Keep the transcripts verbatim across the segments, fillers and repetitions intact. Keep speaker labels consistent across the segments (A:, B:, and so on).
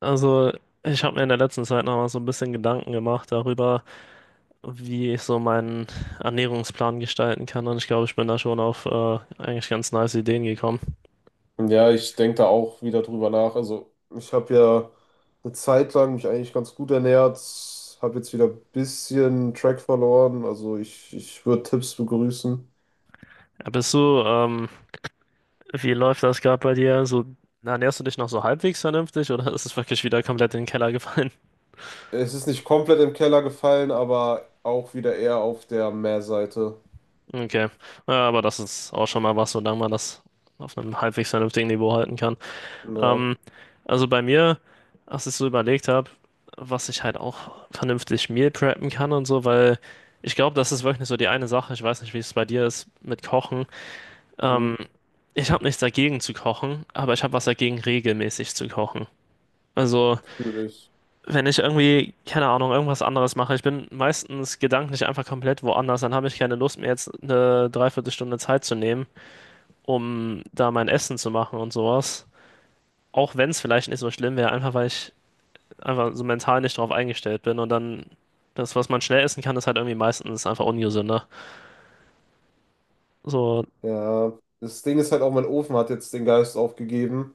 A: Also, ich habe mir in der letzten Zeit noch mal so ein bisschen Gedanken gemacht darüber, wie ich so meinen Ernährungsplan gestalten kann. Und ich glaube, ich bin da schon auf äh, eigentlich ganz nice Ideen gekommen.
B: Ja, ich denke da auch wieder drüber nach. Also, ich habe ja eine Zeit lang mich eigentlich ganz gut ernährt, habe jetzt wieder ein bisschen Track verloren. Also, ich, ich würde Tipps begrüßen.
A: Äh, Bist du, ähm, wie läuft das gerade bei dir? So, ernährst du dich noch so halbwegs vernünftig oder ist es wirklich wieder komplett in den Keller gefallen?
B: Es ist nicht komplett im Keller gefallen, aber auch wieder eher auf der Mehrseite.
A: Okay, ja, aber das ist auch schon mal was, solange man das auf einem halbwegs vernünftigen Niveau halten kann.
B: Ja,
A: Ähm, also bei mir, als ich so überlegt habe, was ich halt auch vernünftig Meal preppen kann und so, weil ich glaube, das ist wirklich so die eine Sache. Ich weiß nicht, wie es bei dir ist mit Kochen.
B: hm,
A: Ähm, ich habe nichts dagegen zu kochen, aber ich habe was dagegen, regelmäßig zu kochen. Also,
B: fühle ich.
A: wenn ich irgendwie, keine Ahnung, irgendwas anderes mache, ich bin meistens gedanklich einfach komplett woanders, dann habe ich keine Lust, mir jetzt eine Dreiviertelstunde Zeit zu nehmen, um da mein Essen zu machen und sowas. Auch wenn es vielleicht nicht so schlimm wäre, einfach weil ich einfach so mental nicht drauf eingestellt bin und dann das, was man schnell essen kann, ist halt irgendwie meistens einfach ungesünder. So,
B: Ja, das Ding ist halt auch, mein Ofen hat jetzt den Geist aufgegeben.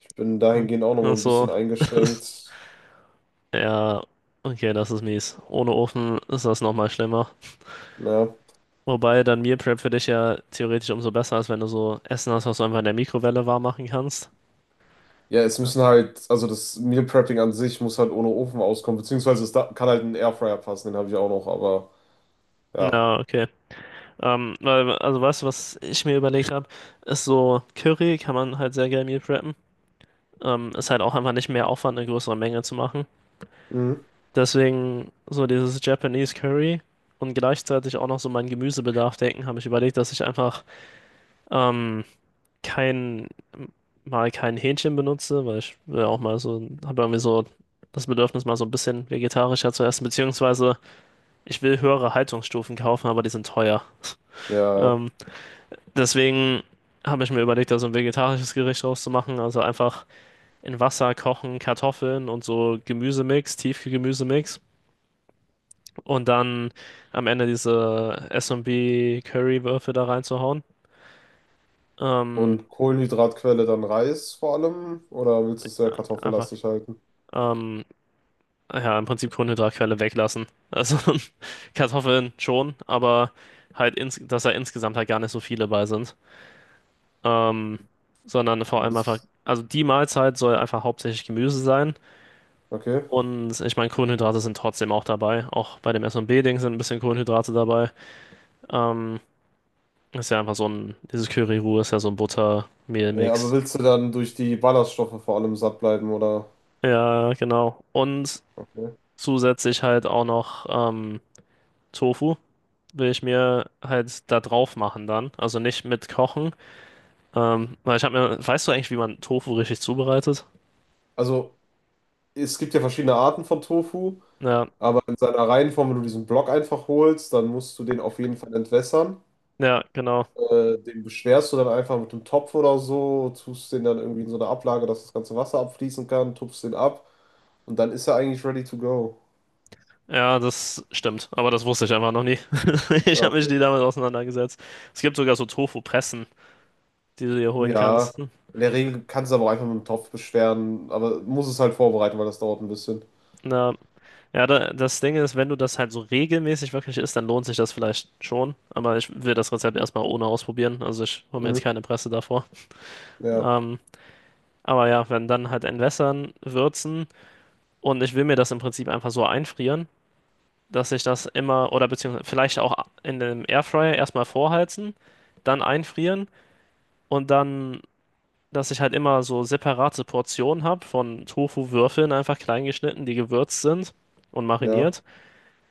B: Ich bin dahingehend auch noch
A: das
B: mal
A: ist
B: ein bisschen
A: so,
B: eingeschränkt.
A: ja, okay, das ist mies. Ohne Ofen ist das nochmal schlimmer.
B: Ja.
A: Wobei dann Meal Prep für dich ja theoretisch umso besser ist, wenn du so Essen hast, was du einfach in der Mikrowelle warm machen kannst.
B: Ja, es
A: Ja,
B: müssen halt, also das Meal Prepping an sich muss halt ohne Ofen auskommen, beziehungsweise es da, kann halt ein Airfryer passen, den habe ich auch noch, aber ja.
A: na, okay. Ähm, weil, also weißt du, was ich mir überlegt habe, ist so Curry kann man halt sehr geil Meal preppen. Ähm, ist halt auch einfach nicht mehr Aufwand, eine größere Menge zu machen.
B: Mhm.
A: Deswegen so dieses Japanese Curry und gleichzeitig auch noch so meinen Gemüsebedarf decken, habe ich überlegt, dass ich einfach ähm, kein, mal kein Hähnchen benutze, weil ich will auch mal so, habe irgendwie so das Bedürfnis, mal so ein bisschen vegetarischer zu essen, beziehungsweise ich will höhere Haltungsstufen kaufen, aber die sind teuer.
B: Ja.
A: Ähm, deswegen habe ich mir überlegt, da so ein vegetarisches Gericht draus zu machen, also einfach in Wasser kochen, Kartoffeln und so Gemüsemix, Tiefkühlgemüsemix und dann am Ende diese S S&B Curry-Würfe da reinzuhauen. Ähm,
B: Und Kohlenhydratquelle dann Reis vor allem? Oder willst du es sehr
A: einfach,
B: kartoffellastig halten?
A: ähm, ja, im Prinzip Kohlenhydratquelle weglassen. Also Kartoffeln schon, aber halt, ins, dass da insgesamt halt gar nicht so viele bei sind. Ähm, sondern vor allem einfach,
B: Willst,
A: also die Mahlzeit soll einfach hauptsächlich Gemüse sein.
B: okay.
A: Und ich meine, Kohlenhydrate sind trotzdem auch dabei. Auch bei dem S und B ding sind ein bisschen Kohlenhydrate dabei. Ähm, ist ja einfach so ein, dieses Curry-Roux ist ja so ein
B: Ja, aber
A: Butter-Mehl-Mix.
B: willst du dann durch die Ballaststoffe vor allem satt bleiben, oder?
A: Ja, genau. Und
B: Okay.
A: zusätzlich halt auch noch ähm, Tofu will ich mir halt da drauf machen dann. Also nicht mit kochen. Ähm, weil ich habe mir, weißt du eigentlich, wie man Tofu richtig zubereitet?
B: Also, es gibt ja verschiedene Arten von Tofu,
A: Ja,
B: aber in seiner reinen Form, wenn du diesen Block einfach holst, dann musst du den auf jeden Fall entwässern.
A: ja, genau.
B: Äh, den beschwerst du dann einfach mit einem Topf oder so, tust den dann irgendwie in so eine Ablage, dass das ganze Wasser abfließen kann, tupfst den ab und dann ist er eigentlich ready to go.
A: Ja, das stimmt. Aber das wusste ich einfach noch nie.
B: Ja,
A: Ich habe mich nie
B: okay.
A: damit auseinandergesetzt. Es gibt sogar so Tofu-Pressen, die du dir holen
B: Ja,
A: kannst.
B: in der Regel kannst du aber auch einfach mit dem Topf beschweren, aber muss es halt vorbereiten, weil das dauert ein bisschen.
A: Ja, da, das Ding ist, wenn du das halt so regelmäßig wirklich isst, dann lohnt sich das vielleicht schon. Aber ich will das Rezept erstmal ohne ausprobieren. Also ich hole mir jetzt
B: Mhm.
A: keine Presse davor.
B: Ja,
A: Ähm, aber ja, wenn dann halt entwässern, würzen und ich will mir das im Prinzip einfach so einfrieren, dass ich das immer oder beziehungsweise vielleicht auch in dem Airfryer erstmal vorheizen, dann einfrieren und dann, dass ich halt immer so separate Portionen habe von Tofu-Würfeln einfach klein geschnitten, die gewürzt sind und
B: ja.
A: mariniert.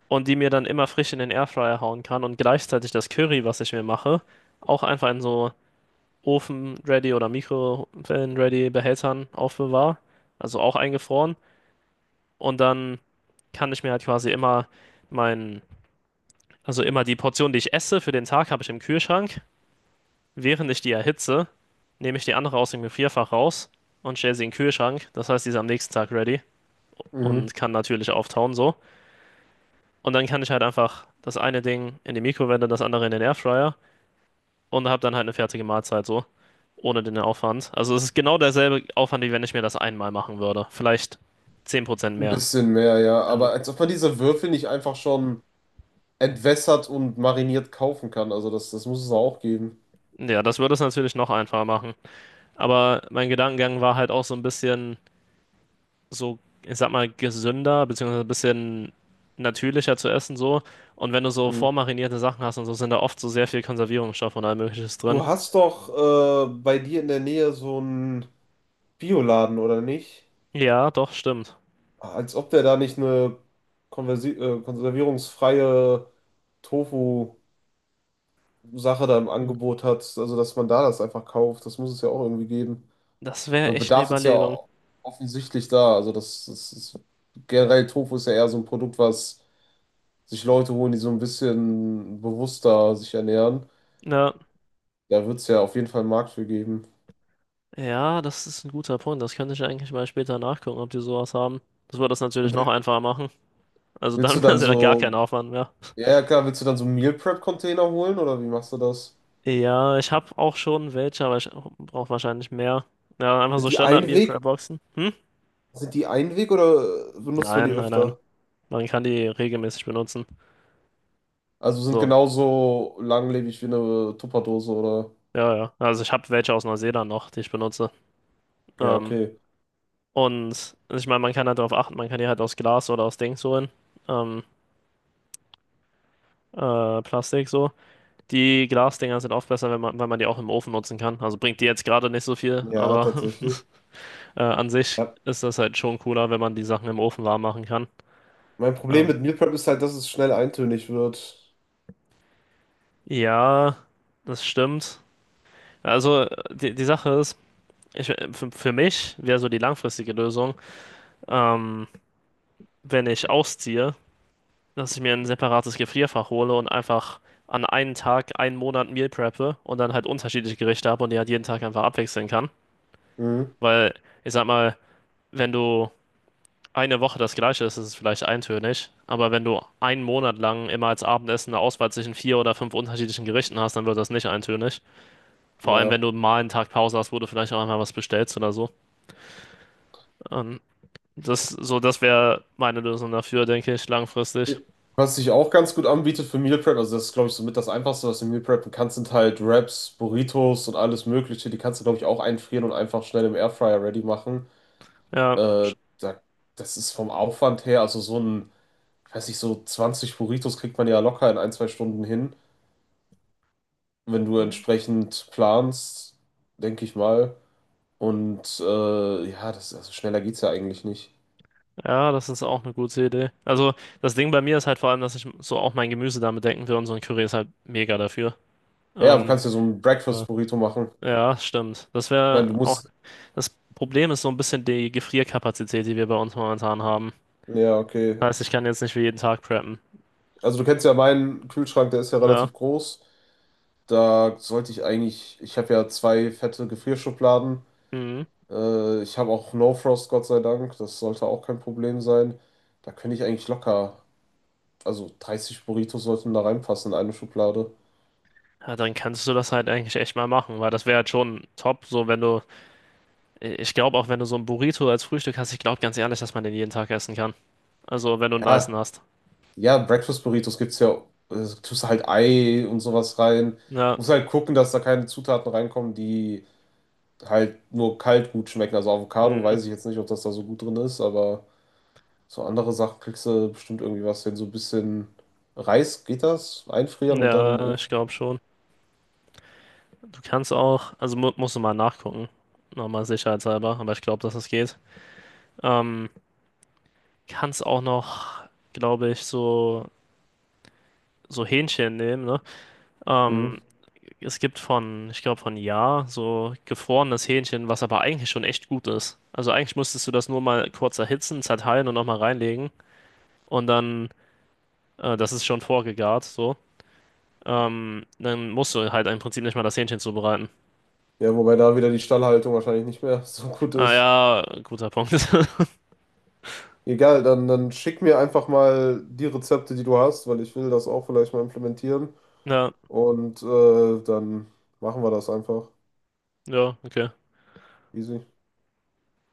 A: Und die mir dann immer frisch in den Airfryer hauen kann und gleichzeitig das Curry, was ich mir mache, auch einfach in so Ofen-ready oder Mikrowellen-ready Behältern aufbewahre, also auch eingefroren und dann kann ich mir halt quasi immer mein, also immer die Portion, die ich esse für den Tag, habe ich im Kühlschrank. Während ich die erhitze, nehme ich die andere aus dem Gefrierfach raus und stelle sie in den Kühlschrank. Das heißt, die ist am nächsten Tag ready
B: Mhm.
A: und kann natürlich auftauen so. Und dann kann ich halt einfach das eine Ding in die Mikrowelle, das andere in den Airfryer und habe dann halt eine fertige Mahlzeit so, ohne den Aufwand. Also es ist genau derselbe Aufwand, wie wenn ich mir das einmal machen würde. Vielleicht zehn Prozent
B: Ein
A: mehr.
B: bisschen mehr, ja.
A: Ja,
B: Aber als ob man diese Würfel nicht einfach schon entwässert und mariniert kaufen kann. Also das, das muss es auch geben.
A: ja, das würde es natürlich noch einfacher machen. Aber mein Gedankengang war halt auch so ein bisschen so, ich sag mal, gesünder, beziehungsweise ein bisschen natürlicher zu essen so. Und wenn du so
B: Mhm.
A: vormarinierte Sachen hast und so, sind da oft so sehr viel Konservierungsstoff und all Mögliches drin.
B: Du hast doch äh, bei dir in der Nähe so ein Bioladen oder nicht?
A: Ja, doch, stimmt.
B: Als ob der da nicht eine Konversi äh, konservierungsfreie Tofu-Sache da im
A: Hm.
B: Angebot hat, also dass man da das einfach kauft, das muss es ja auch irgendwie geben.
A: Das wäre
B: Also
A: echt eine
B: Bedarf ist ja
A: Überlegung.
B: offensichtlich da, also das, das ist generell Tofu ist ja eher so ein Produkt, was sich Leute holen, die so ein bisschen bewusster sich ernähren.
A: Ja.
B: Da wird es ja auf jeden Fall einen Markt für geben.
A: Ja, das ist ein guter Punkt. Das könnte ich eigentlich mal später nachgucken, ob die sowas haben. Das würde das natürlich noch
B: Will-
A: einfacher machen. Also
B: Willst
A: dann
B: du
A: wäre
B: dann
A: es ja gar
B: so,
A: kein Aufwand mehr.
B: ja ja, klar, willst du dann so Meal Prep Container holen oder wie machst du das?
A: Ja, ich habe auch schon welche, aber ich brauche wahrscheinlich mehr. Ja, einfach
B: Sind
A: so
B: die
A: Standard-Meal Prep
B: Einweg
A: Boxen. Hm?
B: Sind die Einweg oder benutzt man die
A: Nein, nein, nein.
B: öfter?
A: Man kann die regelmäßig benutzen.
B: Also sind
A: So,
B: genauso langlebig wie eine Tupperdose oder?
A: ja, ja. Also ich habe welche aus Neuseeland noch, die ich benutze.
B: Ja,
A: Ähm,
B: okay.
A: und ich meine, man kann halt darauf achten, man kann die halt aus Glas oder aus Dings holen. Ähm, äh, Plastik so. Die Glasdinger sind oft besser, wenn man, weil man die auch im Ofen nutzen kann. Also bringt die jetzt gerade nicht so viel,
B: Ja,
A: aber
B: tatsächlich.
A: äh, an sich
B: Ja.
A: ist das halt schon cooler, wenn man die Sachen im Ofen warm machen kann.
B: Mein Problem
A: Ähm,
B: mit Meal Prep ist halt, dass es schnell eintönig wird.
A: ja, das stimmt. Also äh, die, die Sache ist, ich, für, für mich wäre so die langfristige Lösung, ähm, wenn ich ausziehe, dass ich mir ein separates Gefrierfach hole und einfach an einen Tag, einen Monat Meal preppe und dann halt unterschiedliche Gerichte habe und die halt jeden Tag einfach abwechseln kann.
B: Mhm.
A: Weil ich sag mal, wenn du eine Woche das Gleiche ist, ist es vielleicht eintönig. Aber wenn du einen Monat lang immer als Abendessen eine Auswahl zwischen vier oder fünf unterschiedlichen Gerichten hast, dann wird das nicht eintönig. Vor allem, wenn
B: Ja.
A: du mal einen Tag Pause hast, wo du vielleicht auch einmal was bestellst oder so. Ähm, das so, das wäre meine Lösung dafür, denke ich, langfristig.
B: Was sich auch ganz gut anbietet für Meal Prep, also das ist, glaube ich, somit das Einfachste, was du Meal preppen kannst, sind halt Wraps, Burritos und alles Mögliche. Die kannst du, glaube ich, auch einfrieren und einfach schnell im Airfryer ready machen.
A: Ja,
B: Äh, da, das ist vom Aufwand her, also so ein ich weiß nicht, so zwanzig Burritos kriegt man ja locker in ein, zwei Stunden hin, wenn du entsprechend planst, denke ich mal. Und äh, ja, das, also schneller geht's ja eigentlich nicht.
A: ja, das ist auch eine gute Idee. Also, das Ding bei mir ist halt vor allem, dass ich so auch mein Gemüse damit denken will und so ein Curry ist halt mega dafür.
B: Ja, du
A: Ähm,
B: kannst ja so ein
A: äh,
B: Breakfast-Burrito machen.
A: Ja, stimmt. Das
B: Ich meine, du
A: wäre auch.
B: musst.
A: Das Problem ist so ein bisschen die Gefrierkapazität, die wir bei uns momentan haben.
B: Ja, okay.
A: Heißt, ich kann jetzt nicht für jeden Tag preppen.
B: Also du kennst ja meinen Kühlschrank, der ist ja
A: Ja.
B: relativ groß. Da sollte ich eigentlich, ich habe ja zwei fette Gefrierschubladen.
A: Mhm.
B: Äh, ich habe auch No Frost, Gott sei Dank. Das sollte auch kein Problem sein. Da könnte ich eigentlich locker also dreißig Burritos sollten da reinpassen in eine Schublade.
A: Ja, dann kannst du das halt eigentlich echt mal machen, weil das wäre halt schon top, so wenn du. Ich glaube auch, wenn du so ein Burrito als Frühstück hast, ich glaube ganz ehrlich, dass man den jeden Tag essen kann. Also, wenn du einen
B: Ja,
A: nicen hast.
B: ja, Breakfast Burritos gibt's ja, äh, tust halt Ei und sowas rein.
A: Ja.
B: Muss halt gucken, dass da keine Zutaten reinkommen, die halt nur kalt gut schmecken. Also Avocado
A: Mhm.
B: weiß ich jetzt nicht, ob das da so gut drin ist, aber so andere Sachen kriegst du bestimmt irgendwie was hin. So ein bisschen Reis geht das, einfrieren und dann im
A: Ja,
B: Ofen.
A: ich glaube schon. Du kannst auch, also mu musst du mal nachgucken. Nochmal sicherheitshalber, aber ich glaube, dass es geht. Ähm. kannst auch noch, glaube ich, so, so, Hähnchen nehmen, ne?
B: Mhm.
A: Ähm, es gibt von, ich glaube, von Ja, so gefrorenes Hähnchen, was aber eigentlich schon echt gut ist. Also eigentlich musstest du das nur mal kurz erhitzen, zerteilen und nochmal reinlegen. Und dann, äh, das ist schon vorgegart, so. Ähm, dann musst du halt im Prinzip nicht mal das Hähnchen zubereiten.
B: Ja, wobei da wieder die Stallhaltung wahrscheinlich nicht mehr so gut
A: Ah
B: ist.
A: ja, guter Punkt.
B: Egal, dann, dann schick mir einfach mal die Rezepte, die du hast, weil ich will das auch vielleicht mal implementieren.
A: Ja,
B: Und äh, dann machen wir das einfach.
A: ja, okay.
B: Easy.